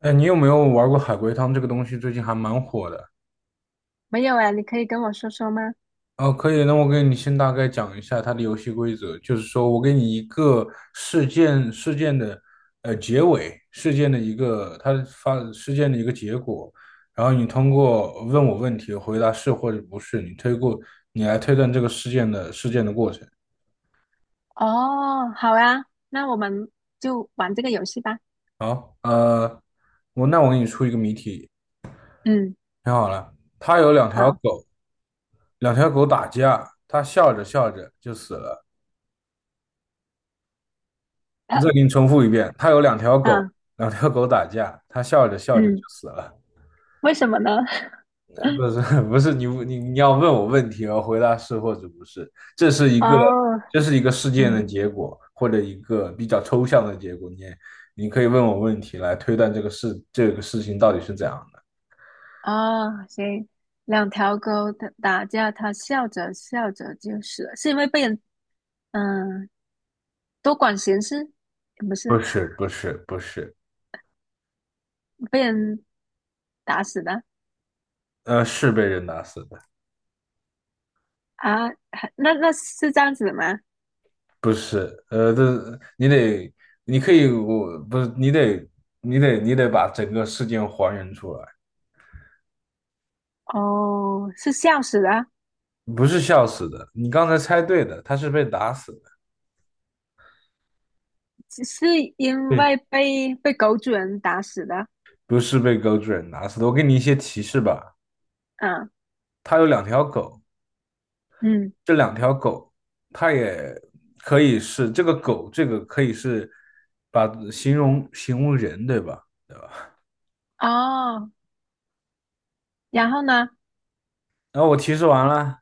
哎，你有没有玩过海龟汤这个东西？最近还蛮火的。没有哎，你可以跟我说说吗？哦，可以，那我给你先大概讲一下它的游戏规则，就是说我给你一个事件的结尾,事件的一个结果，然后你通过问我问题回答是或者不是，你来推断这个事件的过程。哦，好啊，那我们就玩这个游戏吧。好，那我给你出一个谜题，嗯，听好了。他有两条好，狗，两条狗打架，他笑着笑着就死了。我呃再给你重复一遍，他有两条狗，嗯两条狗打架，他笑着笑着就嗯，死了。为什么呢？不 是不是，你要问我问题，我回答是或者不是，这是一个哦，这是一个事件的嗯，结果，或者一个比较抽象的结果。你可以问我问题来推断这个事情到底是怎样的。哦，行，两条狗打架，它笑着笑着就死了，是因为被人嗯多管闲事，不是不是不是不是，被人打死的是被人打死的，啊？那是这样子的吗？不是，这你得你可以我不是你得你得你得把整个事件还原出来。哦，是笑死的，不是笑死的，你刚才猜对的，他是被打死的，是因对，为被狗主人打死的。不是被狗主人打死的。我给你一些提示吧，嗯，他有两条狗，嗯，这两条狗，它也可以是这个狗，这个可以是把形容人，对吧？哦，然后呢，然后我提示完了，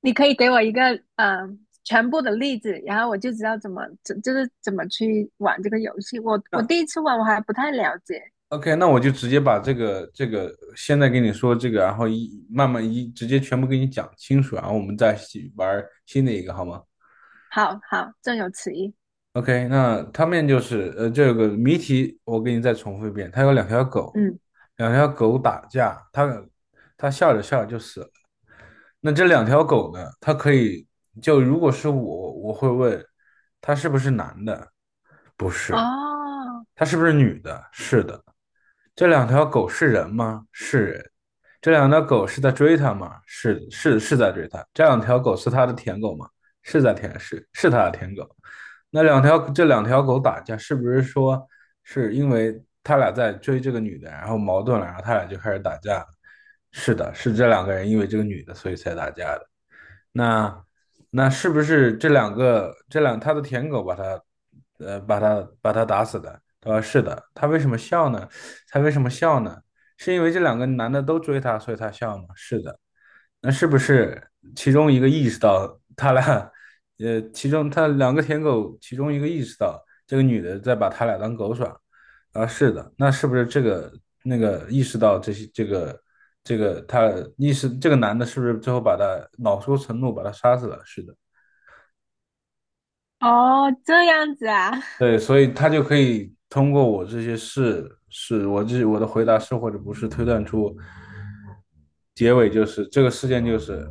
你可以给我一个全部的例子，然后我就知道怎么怎就是怎么去玩这个游戏。我第那 一次玩我还不太了解，OK,那我就直接把这个现在跟你说这个，然后一慢慢一直接全部给你讲清楚，然后我们再一起玩新的一个好吗？好好，正有此意。OK,那他面就是这个谜题我给你再重复一遍，他有两条狗，嗯，两条狗打架，他笑着笑着就死了。那这两条狗呢，它可以就如果是我，我会问他是不是男的？不是，哦他是不是女的？是的。这两条狗是人吗？是人。这两条狗是在追他吗？是是是在追他。这两条狗是他的舔狗吗？是在舔，是他的舔狗。那两条这两条狗打架，是不是说是因为他俩在追这个女的，然后矛盾了，然后他俩就开始打架是的，是这两个人因为这个女的，所以才打架的。那是不是这两个这两他的舔狗把他把他打死的？他说是的。他为什么笑呢？他为什么笑呢？是因为这两个男的都追他，所以他笑吗？是的。那是不是其中一个意识到他俩，其中他两个舔狗，其中一个意识到这个女的在把他俩当狗耍，啊，是的，那是不是这个那个意识到这些这个这个他意识这个男的是不是最后把他恼羞成怒把他杀死了？是的，哦，这样子啊，对，所以他就可以通过我这些是是我这我的 回答嗯是或者不是推断出结尾就是这个事件就是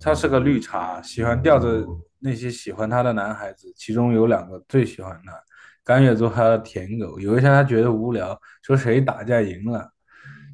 他是个绿茶，喜欢吊着那些喜欢他的男孩子，其中有两个最喜欢他，甘愿做他的舔狗。有一天他觉得无聊，说谁打架赢了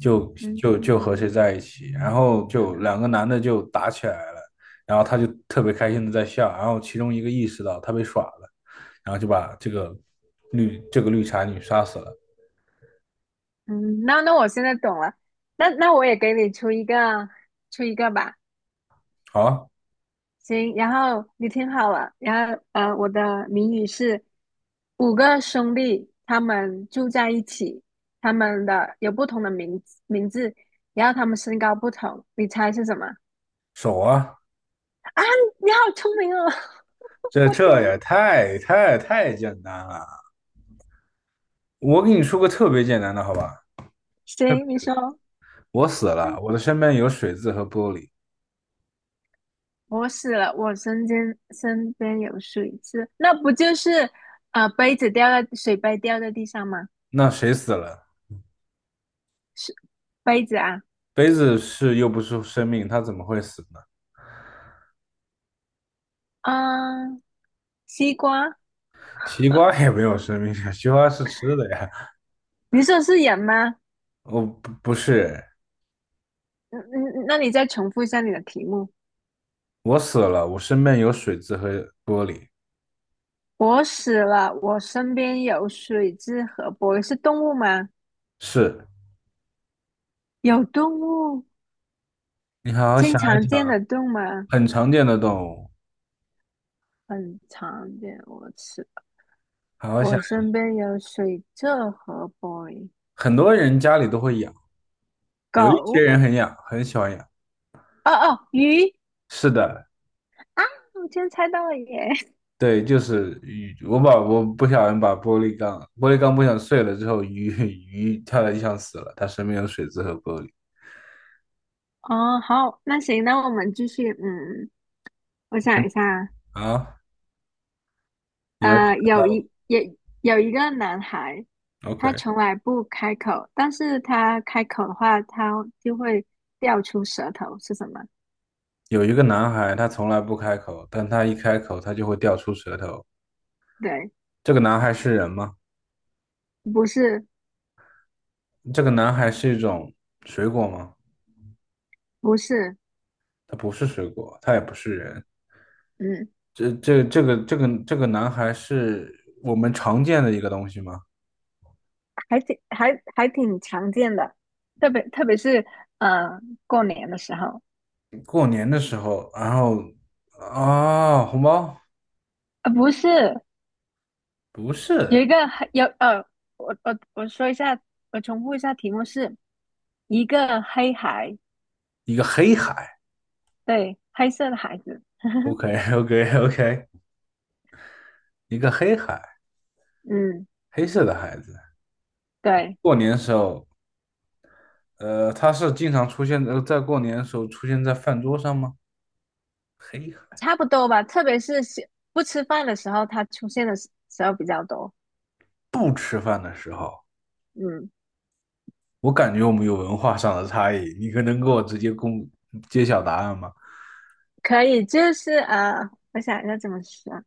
嗯就和谁嗯在一起，然后就两个男的就打起来了，然后他就特别开心的在笑，然后其中一个意识到他被耍了。然后就把这个绿茶女杀死了。嗯，那那我现在懂了，那那我也给你出一个吧。好，行，然后你听好了，然后我的谜语是五个兄弟，他们住在一起，他们的有不同的名字，然后他们身高不同，你猜是什么？手啊，啊，你好聪明哦！这我这天，也太简单了。我给你说个特别简单的，好吧？行，你说，我死了，嗯，我的身边有水渍和玻璃，我死了，我身边有水渍，那不就是杯子掉在地上吗？那谁死了？是杯子啊，杯子是又不是生命，它怎么会死呢？嗯、西瓜，西瓜也没有生命啊，西瓜是吃的呀。你说是人吗？哦，不是，嗯嗯，那你再重复一下你的题目。我死了，我身边有水渍和玻璃。我死了，我身边有水蛭和玻是动物吗？是，有动物，你好好经想常一见想，的动物吗？很常见的动物，很常见。我吃，好好想。我身边有水蛭和玻很多人家里都会养，有一些狗。人很养，很喜欢养。哦哦，鱼是的，啊！我居然猜到了耶！对，就是鱼。我不小心把玻璃缸，玻璃缸不小心碎了之后，鱼 鱼跳在地上死了，它身边有水渍和玻璃。哦，好，那行，那我们继续。嗯，我想一下啊，啊，你还是呃，想有到 一也有一个男孩，他 OK。从来不开口，但是他开口的话，他就会掉出舌头，是什么？有一个男孩，他从来不开口，但他一开口，他就会掉出舌头。对，这个男孩是人吗？不是，这个男孩是一种水果吗？不是，他不是水果，他也不是人。嗯，这个男孩是我们常见的一个东西吗？还挺常见的，特别是呃过年的时候，过年的时候，然后啊，红包不是不有是一个黑有呃，我说一下，我重复一下题目是一个黑孩，一个黑海对，黑色的孩子，，OK OK OK,一个黑海，嗯，黑色的孩子。对。过年的时候，他是经常出现在过年的时候出现在饭桌上吗？黑海差不多吧，特别是喜不吃饭的时候，它出现的时候比较多。不吃饭的时候，嗯，我感觉我们有文化上的差异，你可能给我直接揭晓答案吗？可以，我想一下怎么说啊，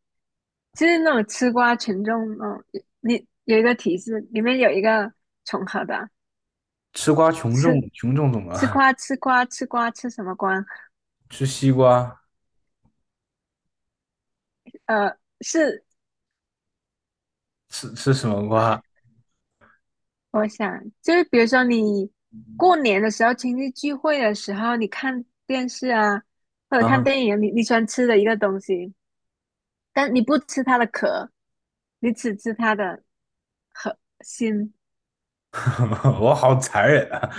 就是那种吃瓜群众哦，你有一个提示，里面有一个重合的，吃瓜群众吃怎么了？吃瓜吃什么瓜？吃西瓜？呃，是吃什么瓜我想就是比如说你过年的时候、亲戚聚会的时候，你看电视啊，或者看啊？电影，你你喜欢吃的一个东西。但你不吃它的壳，你只吃它的核心，我好残忍啊！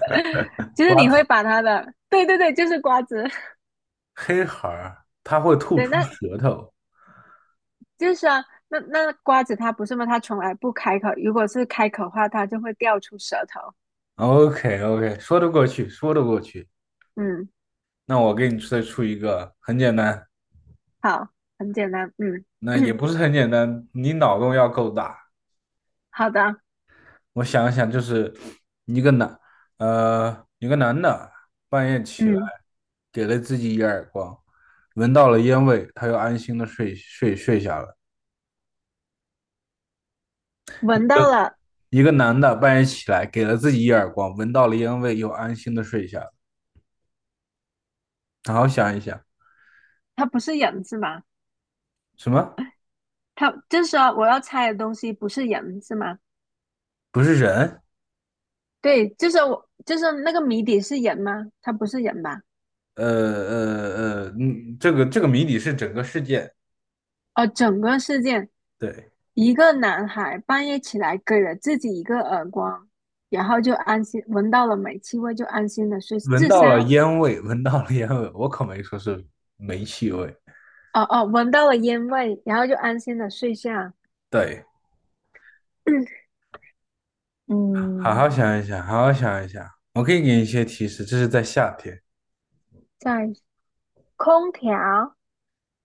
就是瓜你会子把它的，对对对，就是瓜子，黑孩儿，它会 吐对，出那舌头。就是啊，那那瓜子它不是吗？它从来不开口，如果是开口的话，它就会掉出舌头。OK OK,说得过去，说得过去。嗯，那我给你再出一个，很简单，好，很简单，嗯，那也 不是很简单，你脑洞要够大。好的，我想一想，就是一个男，一个男的半夜起来，嗯，给了自己一耳光，闻到了烟味，他又安心的睡下了。闻到了，一个男的半夜起来，给了自己一耳光，闻到了烟味，又安心的睡下了。好好想一想，它不是人是吗？什么？它就是说我要猜的东西不是人是吗？不是人？对，就是我，就是那个谜底是人吗？它不是人吧？嗯，这个谜底是整个事件，哦，整个事件。对，一个男孩半夜起来给了自己一个耳光，然后就安心闻到了煤气味，就安心的睡。闻自到了杀？烟味，闻到了烟味，我可没说是煤气味，哦哦，闻到了烟味，然后就安心的睡下。对，好嗯，好想一想，好好想一想，我可以给你一些提示，这是在夏天，在空调，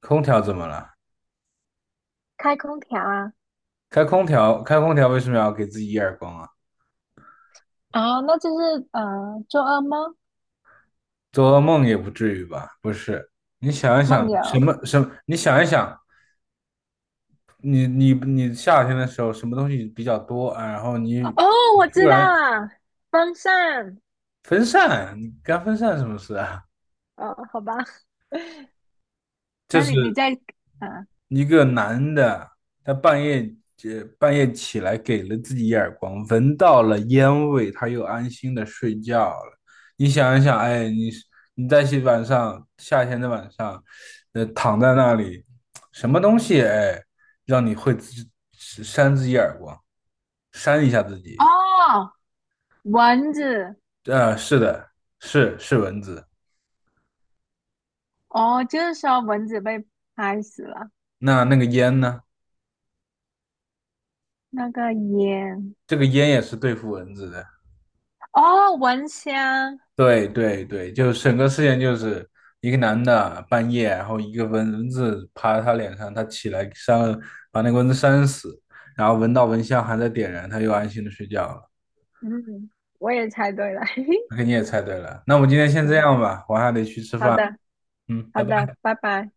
空调怎么了？开空调啊开空调，开空调为什么要给自己一耳光啊？哦，那就是做噩梦做噩梦也不至于吧？不是，你想一想，梦什游。么什么？你想一想，你夏天的时候什么东西比较多啊？然后你哦，你我突知道然了，风扇。分散，你干分散什么事啊？哦，好吧，这那是你你在啊？一个男的，他半夜半夜起来给了自己一耳光，闻到了烟味，他又安心的睡觉了。你想一想，哎，你在晚上夏天的晚上，躺在那里，什么东西哎，让你会自扇自己耳光，扇一下自己？哦，蚊子。啊，是的，是蚊子。哦，就是说蚊子被拍死了。那那个烟呢？那个烟这个烟也是对付蚊子的。哦，蚊香，对对对，就整个事件就是一个男的半夜，然后一个蚊子爬他脸上，他起来扇了，把那个蚊子扇死，然后闻到蚊香还在点燃，他又安心的睡觉了。嗯，我也猜对了，嘿嘿，那你也猜对了，那我们今天先这对，样吧，我还得去吃好饭。的，嗯，好拜拜。的，拜拜。